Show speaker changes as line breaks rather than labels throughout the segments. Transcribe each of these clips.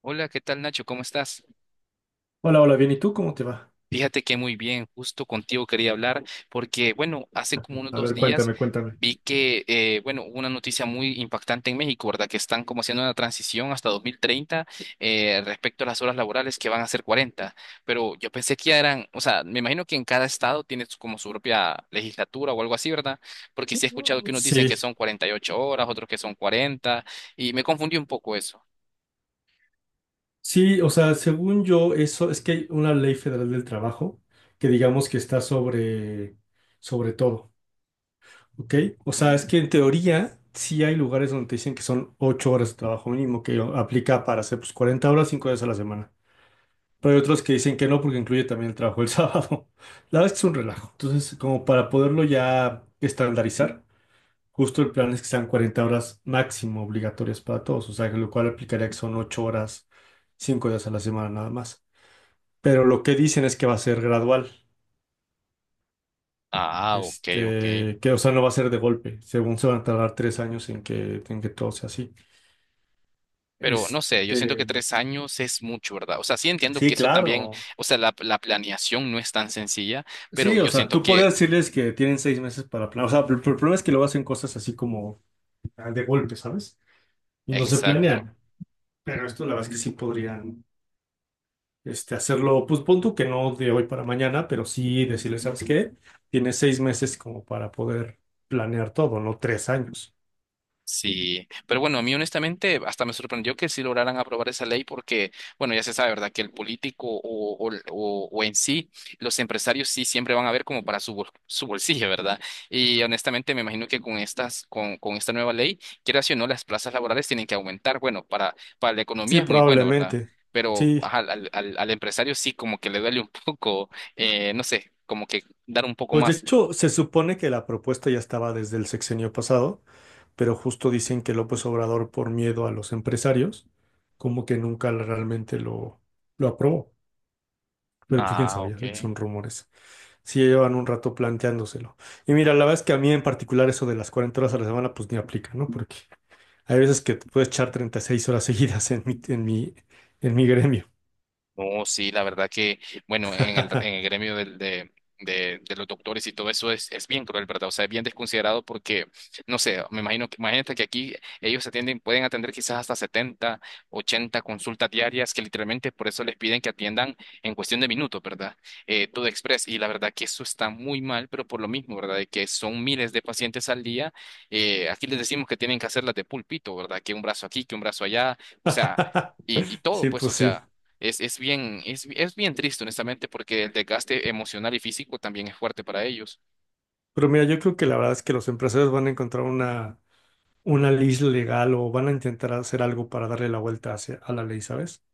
Hola, ¿qué tal Nacho? ¿Cómo estás?
Hola, hola, bien, ¿y tú cómo te va?
Fíjate que muy bien, justo contigo quería hablar porque, bueno, hace como unos
A
dos
ver,
días
cuéntame, cuéntame.
vi que, bueno, hubo una noticia muy impactante en México, ¿verdad? Que están como haciendo una transición hasta 2030, respecto a las horas laborales que van a ser 40. Pero yo pensé que ya eran, o sea, me imagino que en cada estado tiene como su propia legislatura o algo así, ¿verdad? Porque sí he escuchado que unos dicen que
Sí,
son 48 horas, otros que son 40, y me confundí un poco eso.
sí, o sea, según yo, eso es que hay una ley federal del trabajo que digamos que está sobre todo, ¿ok? O sea, es que en teoría sí hay lugares donde te dicen que son 8 horas de trabajo mínimo, que aplica para hacer pues 40 horas, 5 días a la semana. Pero hay otros que dicen que no porque incluye también el trabajo el sábado. La verdad es que es un relajo. Entonces, como para poderlo ya estandarizar. Justo el plan es que sean 40 horas máximo obligatorias para todos, o sea, que lo cual aplicaría que son 8 horas, 5 días a la semana nada más. Pero lo que dicen es que va a ser gradual,
Ah, ok, ok.
este, que o sea, no va a ser de golpe, según se van a tardar 3 años en que todo sea así.
Pero no sé, yo siento que
Este,
3 años es mucho, ¿verdad? O sea, sí entiendo que
sí,
eso también,
claro.
o sea, la planeación no es tan sencilla, pero
Sí, o
yo
sea,
siento
tú
que,
podrías decirles que tienen 6 meses para planear, o sea, pero el problema es que luego hacen cosas así como de golpe, ¿sabes? Y no se
exacto.
planean, pero esto la verdad es que sí podrían. Hacerlo, pues pon tú que no de hoy para mañana, pero sí decirle, ¿sabes qué? Tienes 6 meses como para poder planear todo, no 3 años.
Sí, pero bueno, a mí honestamente hasta me sorprendió que sí lograran aprobar esa ley porque, bueno, ya se sabe, ¿verdad? Que el político o en sí, los empresarios sí siempre van a ver como para su bolsillo, ¿verdad? Y honestamente me imagino que con estas, con esta nueva ley, quieras o no, las plazas laborales tienen que aumentar. Bueno, para la economía
Sí,
es muy bueno, ¿verdad?
probablemente.
Pero
Sí.
ajá, al empresario sí como que le duele un poco, no sé, como que dar un poco
Pues de
más.
hecho, se supone que la propuesta ya estaba desde el sexenio pasado, pero justo dicen que López Obrador, por miedo a los empresarios, como que nunca realmente lo aprobó. Pero pues quién
Ah,
sabía,
ok.
que son rumores. Sí, ya llevan un rato planteándoselo. Y mira, la verdad es que a mí en particular eso de las 40 horas a la semana, pues ni aplica, ¿no? Porque hay veces que te puedes echar 36 horas seguidas en mi gremio.
No, sí, la verdad que, bueno, en el gremio de los doctores y todo eso es bien cruel, ¿verdad? O sea, es bien desconsiderado porque, no sé, me imagino que, imagínate que aquí ellos atienden, pueden atender quizás hasta 70, 80 consultas diarias que literalmente por eso les piden que atiendan en cuestión de minutos, ¿verdad? Todo express. Y la verdad que eso está muy mal, pero por lo mismo, ¿verdad? De que son miles de pacientes al día. Aquí les decimos que tienen que hacerlas de pulpito, ¿verdad? Que un brazo aquí, que un brazo allá. O sea, y todo,
Sí,
pues, o
pues sí.
sea, es bien triste, honestamente, porque el desgaste emocional y físico también es fuerte para ellos.
Pero mira, yo creo que la verdad es que los empresarios van a encontrar una ley legal o van a intentar hacer algo para darle la vuelta a la ley, ¿sabes?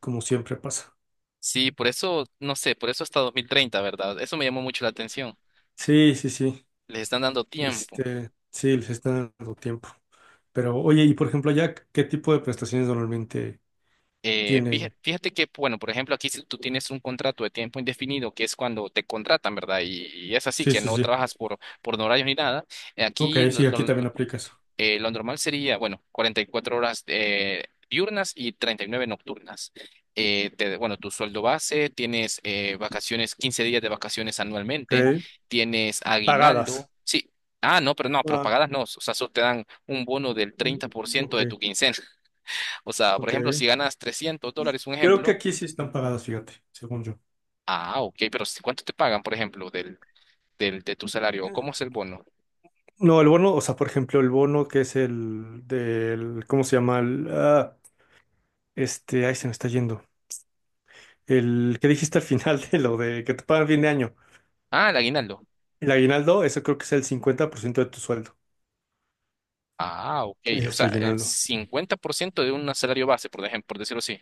Como siempre pasa.
Sí, por eso, no sé, por eso hasta 2030, ¿verdad? Eso me llamó mucho la atención.
Sí, sí, sí.
Les están dando tiempo.
Sí, les está dando tiempo. Pero oye, y por ejemplo, allá, ¿qué tipo de prestaciones normalmente
Eh,
tienen?
fíjate, fíjate que, bueno, por ejemplo, aquí si tú tienes un contrato de tiempo indefinido, que es cuando te contratan, ¿verdad? Y es así,
Sí,
que
sí,
no
sí.
trabajas por, no horarios ni nada.
Ok,
Aquí
sí, aquí también aplica eso.
Lo normal sería, bueno, 44 horas, diurnas y 39 nocturnas. Bueno, tu sueldo base, tienes, vacaciones, 15 días de vacaciones anualmente,
Ok.
tienes aguinaldo.
Pagadas.
Sí, ah, no, pero no, pero
Ah,
pagadas no. O sea, solo te dan un bono del
mm,
30%
ok,
de tu quincena. O sea, por
ok.
ejemplo, si ganas $300, un
Creo que
ejemplo.
aquí sí están pagadas, fíjate, según yo.
Ah, ok, pero ¿cuánto te pagan, por ejemplo, de tu salario? ¿O
Mm.
cómo es el bono?
No, el bono, o sea, por ejemplo, el bono que es el del, ¿cómo se llama? Ahí se me está yendo. El que dijiste al final de lo de que te pagan fin de año.
Ah, el aguinaldo.
El aguinaldo, eso creo que es el 50% de tu sueldo.
Ah, ok.
Es
O
esto,
sea, el
aguinaldo.
50% de un salario base, por ejemplo, por decirlo así.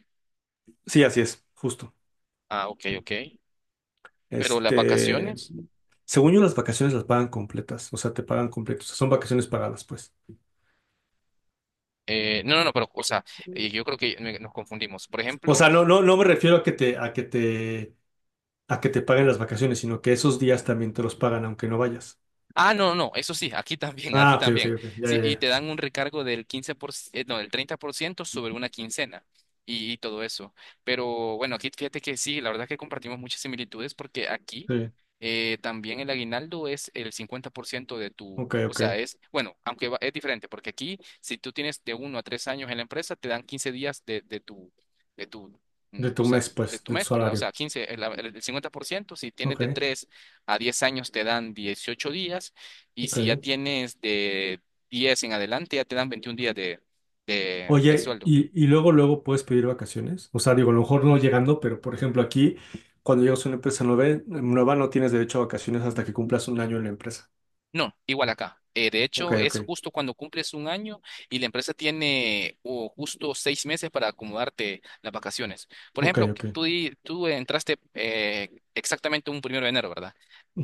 Sí, así es, justo.
Ah, ok, ok. Pero las
Este,
vacaciones,
Según yo, las vacaciones las pagan completas, o sea, te pagan completos son vacaciones pagadas, pues.
no, no, no, pero, o sea, yo creo que nos confundimos. Por
O
ejemplo,
sea, no, no, no me refiero a que te, a que te a que te paguen las vacaciones, sino que esos días también te los pagan aunque no vayas.
ah, no, no, eso sí, aquí también, aquí
Ah, ok, ok,
también.
ok. Ya, ya,
Sí, y
ya.
te dan un recargo del 15%, no, del 30% sobre una quincena, y todo eso. Pero bueno, aquí fíjate que sí, la verdad que compartimos muchas similitudes porque aquí,
Sí.
también el aguinaldo es el 50% de tu,
Ok,
o sea,
ok.
es, bueno, aunque es diferente porque aquí si tú tienes de 1 a 3 años en la empresa, te dan 15 días de, de tu,
De
o
tu
sea,
mes,
de
pues,
tu
de tu
mes, ¿verdad? O
salario.
sea, 15, el 50% si tienes
Ok,
de 3. A 10 años te dan 18 días y si ya
ok.
tienes de 10 en adelante ya te dan 21 días de
Oye,
sueldo.
y luego, luego puedes pedir vacaciones. O sea, digo, a lo mejor no llegando, pero por ejemplo, aquí, cuando llegas a una empresa nueva, no tienes derecho a vacaciones hasta que cumplas un año en la empresa.
No, igual acá. De
Ok,
hecho, es
ok.
justo cuando cumples un año y la empresa tiene o justo 6 meses para acomodarte las vacaciones. Por
Ok,
ejemplo, que
ok.
tú entraste, exactamente un primero de enero, ¿verdad?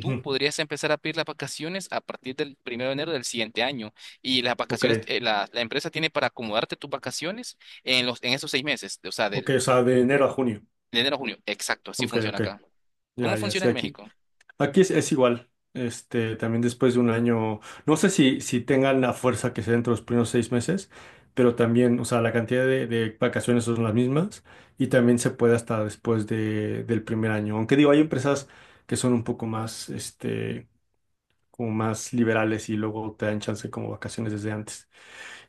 Tú podrías empezar a pedir las vacaciones a partir del primero de enero del siguiente año, y las
Ok,
vacaciones, la empresa tiene para acomodarte tus vacaciones en esos 6 meses, o sea,
ok.
del
O sea, de enero a junio.
de enero a junio. Exacto, así
Ok,
funciona
ok.
acá. ¿Cómo
Ya, ya,
funciona
sí,
en
aquí.
México?
Aquí es igual. También después de un año, no sé si tengan la fuerza que sea dentro de los primeros 6 meses, pero también, o sea, la cantidad de vacaciones son las mismas y también se puede hasta después del primer año. Aunque digo, hay empresas que son un poco más, como más liberales y luego te dan chance como vacaciones desde antes.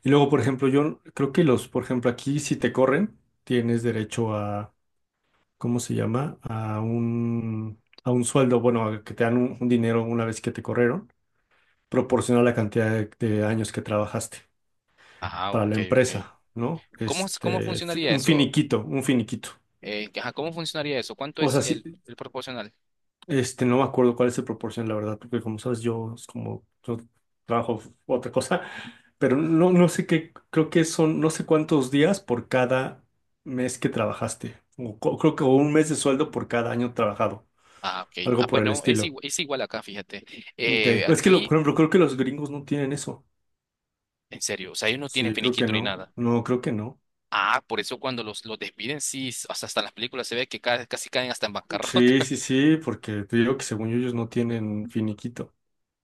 Y luego, por ejemplo, yo creo que por ejemplo, aquí si te corren, tienes derecho ¿cómo se llama? A un sueldo, bueno, a que te dan un dinero una vez que te corrieron, proporciona la cantidad de años que trabajaste
Ajá,
para
ok,
la
ok.
empresa, ¿no?
¿Cómo, cómo funcionaría
Un
eso?
finiquito, un finiquito.
Ajá, ¿cómo funcionaría eso? ¿Cuánto
O
es
sea, sí,
el proporcional?
no me acuerdo cuál es el proporción, la verdad, porque como sabes, yo es como yo trabajo otra cosa, pero no, no sé qué, creo que son, no sé cuántos días por cada mes que trabajaste, creo que un mes de sueldo por cada año trabajado,
Ah, ok. Ah,
algo por
pues
el
no,
estilo.
es igual acá, fíjate.
Ok, es que por
Aquí,
ejemplo, creo que los gringos no tienen eso.
en serio, o sea, ellos no tienen
Sí, creo que
finiquito ni
no.
nada.
No, creo que no.
Ah, por eso cuando los despiden, sí, hasta en las películas se ve que casi caen hasta en bancarrota.
Sí, sí, sí, porque te digo que según yo ellos no tienen finiquito.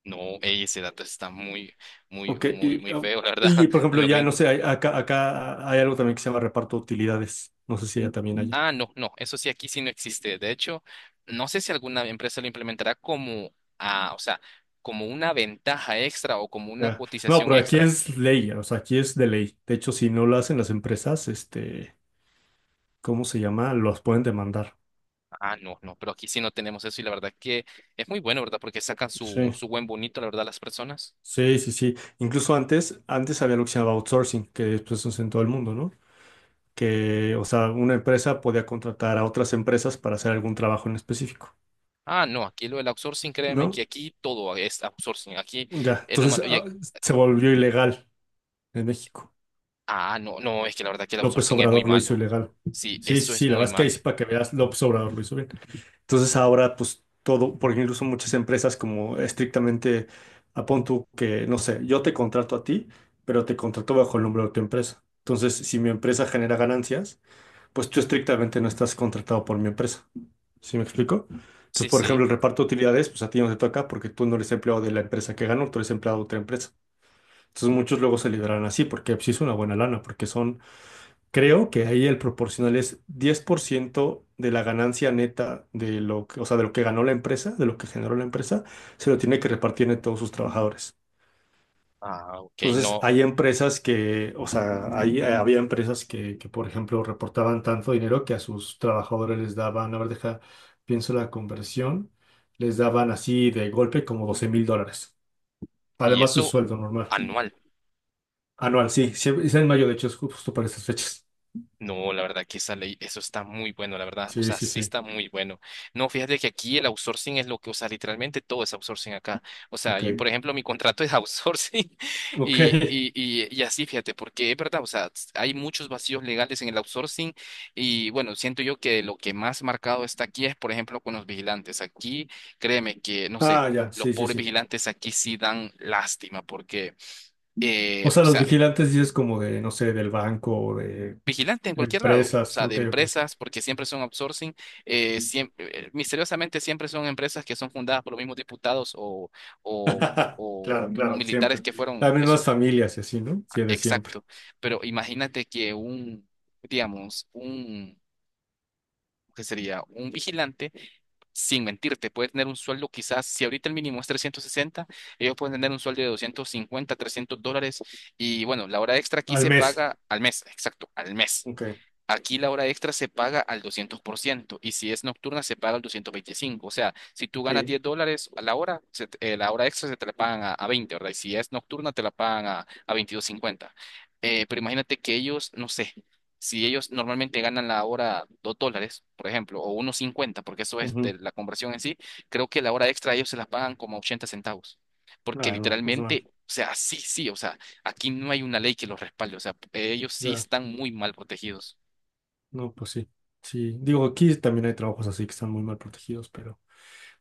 No, ey, ese dato está muy, muy,
Ok,
muy, muy feo, la verdad,
y por
en
ejemplo,
los
ya no sé,
gringos.
acá, acá hay algo también que se llama reparto de utilidades. No sé si allá también haya.
Ah, no, no, eso sí, aquí sí no existe. De hecho, no sé si alguna empresa lo implementará como, o sea, como una ventaja extra o como una
Ah, no,
cotización
pero aquí
extra.
es ley, o sea, aquí es de ley. De hecho, si no lo hacen las empresas, ¿cómo se llama? Los pueden demandar.
Ah, no, no, pero aquí sí no tenemos eso y la verdad que es muy bueno, ¿verdad? Porque sacan su,
Sí,
su buen bonito, la verdad, las personas.
sí, sí, sí. Incluso antes había lo que se llamaba outsourcing, que después se en todo el mundo, ¿no? Que, o sea, una empresa podía contratar a otras empresas para hacer algún trabajo en específico,
Ah, no, aquí lo del outsourcing, créeme que
¿no?
aquí todo es outsourcing. Aquí
Ya,
es lo
entonces
malo.
se volvió ilegal en México.
No, no, es que la verdad que el
López
outsourcing es muy
Obrador lo hizo
malo.
ilegal.
Sí,
Sí, sí,
eso es
sí, la
muy
verdad es que ahí
malo.
sí para que veas, López Obrador lo hizo bien. Entonces ahora, pues todo, porque incluso muchas empresas como estrictamente, apón tú que, no sé, yo te contrato a ti, pero te contrato bajo el nombre de tu empresa. Entonces, si mi empresa genera ganancias, pues tú estrictamente no estás contratado por mi empresa. ¿Sí me explico? Entonces,
Sí,
por
sí.
ejemplo, el reparto de utilidades, pues a ti no te toca porque tú no eres empleado de la empresa que ganó, tú eres empleado de otra empresa. Entonces, muchos luego se liberan así porque pues, sí es una buena lana, porque son, creo que ahí el proporcional es 10% de la ganancia neta de lo que, o sea, de lo que ganó la empresa, de lo que generó la empresa, se lo tiene que repartir en todos sus trabajadores.
Ah, ok,
Entonces,
no.
hay empresas que, o sea, había empresas que, por ejemplo, reportaban tanto dinero que a sus trabajadores les daban, a ver, deja, pienso la conversión, les daban así de golpe como $12,000,
Y
además de su
eso
sueldo normal,
anual.
anual, sí, sí, es en mayo, de hecho, es justo para estas fechas.
No, la verdad que esa ley, eso está muy bueno, la verdad, o
Sí,
sea,
sí,
sí
sí,
está muy bueno. No, fíjate que aquí el outsourcing es lo que, o sea, literalmente todo es outsourcing acá. O sea,
ok,
yo, por ejemplo, mi contrato es outsourcing
ok.
y así, fíjate, porque es verdad, o sea, hay muchos vacíos legales en el outsourcing, y bueno, siento yo que lo que más marcado está aquí es, por ejemplo, con los vigilantes. Aquí, créeme que, no sé,
Ah, ya,
los
sí, sí,
pobres
sí.
vigilantes aquí sí dan lástima porque...
O
O
sea, los
sea,
vigilantes dices como de, no sé, del banco o de
vigilante en cualquier lado, o
empresas,
sea, de
ok, ok.
empresas, porque siempre son outsourcing, siempre, misteriosamente siempre son empresas que son fundadas por los mismos diputados o, o,
Claro,
o
claro,
militares
siempre.
que fueron,
Las
que son,
mismas familias y así, ¿no?
ah,
Sí, de siempre.
exacto, pero imagínate que un, digamos, un, ¿qué sería? Un vigilante. Sin mentirte, puede tener un sueldo quizás, si ahorita el mínimo es 360, ellos pueden tener un sueldo de $250-$300 y bueno, la hora extra aquí
Al
se
mes.
paga al mes, exacto, al mes.
Ok,
Aquí la hora extra se paga al 200% y si es nocturna se paga al 225%. O sea, si tú ganas
ok.
$10 a la hora, la hora extra se te la pagan a 20, ¿verdad? Y si es nocturna te la pagan a 22,50. Pero imagínate que ellos, no sé, si ellos normalmente ganan la hora $2, por ejemplo, o 1,50, porque eso es
Ujú.
de la conversión en sí, creo que la hora extra ellos se la pagan como 80 centavos. Porque
Ah, no, pues mal.
literalmente, o sea, sí, sí, o sea, aquí no hay una ley que los respalde, o sea, ellos sí
Ya,
están muy mal protegidos.
no, pues sí. Sí, digo, aquí también hay trabajos así que están muy mal protegidos, pero,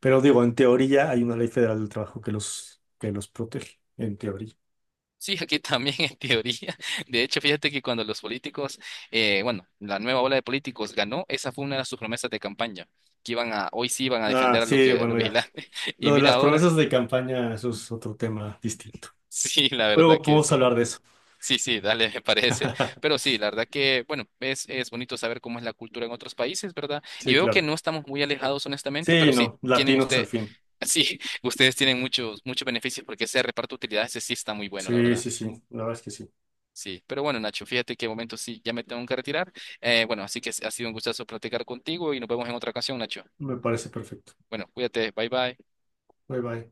pero digo, en teoría hay una ley federal del trabajo que los protege, en teoría.
Sí, aquí también en teoría. De hecho, fíjate que cuando los políticos, bueno, la nueva ola de políticos ganó, esa fue una de sus promesas de campaña, que iban a, hoy sí iban a
Ah,
defender a, lo
sí,
que, a los
bueno, ya.
vigilantes. Y
Lo de
mira
las
ahora,
promesas de campaña, eso es otro tema distinto.
sí, la verdad
Luego
que
podemos
sí.
hablar de eso.
Sí, sí, dale, me parece. Pero sí, la verdad que, bueno, es bonito saber cómo es la cultura en otros países, ¿verdad? Y
Sí,
veo que
claro.
no estamos muy alejados, honestamente, pero
Sí,
sí,
no,
tienen
latinos al
usted,
fin.
sí, ustedes tienen muchos, muchos beneficios porque ese reparto de utilidades, ese sí está muy bueno, la
Sí,
verdad.
sí, sí, la verdad es que sí.
Sí, pero bueno, Nacho, fíjate que de momento sí, ya me tengo que retirar. Bueno, así que ha sido un gustazo platicar contigo y nos vemos en otra ocasión, Nacho.
Me parece perfecto.
Bueno, cuídate, bye bye.
Bye bye.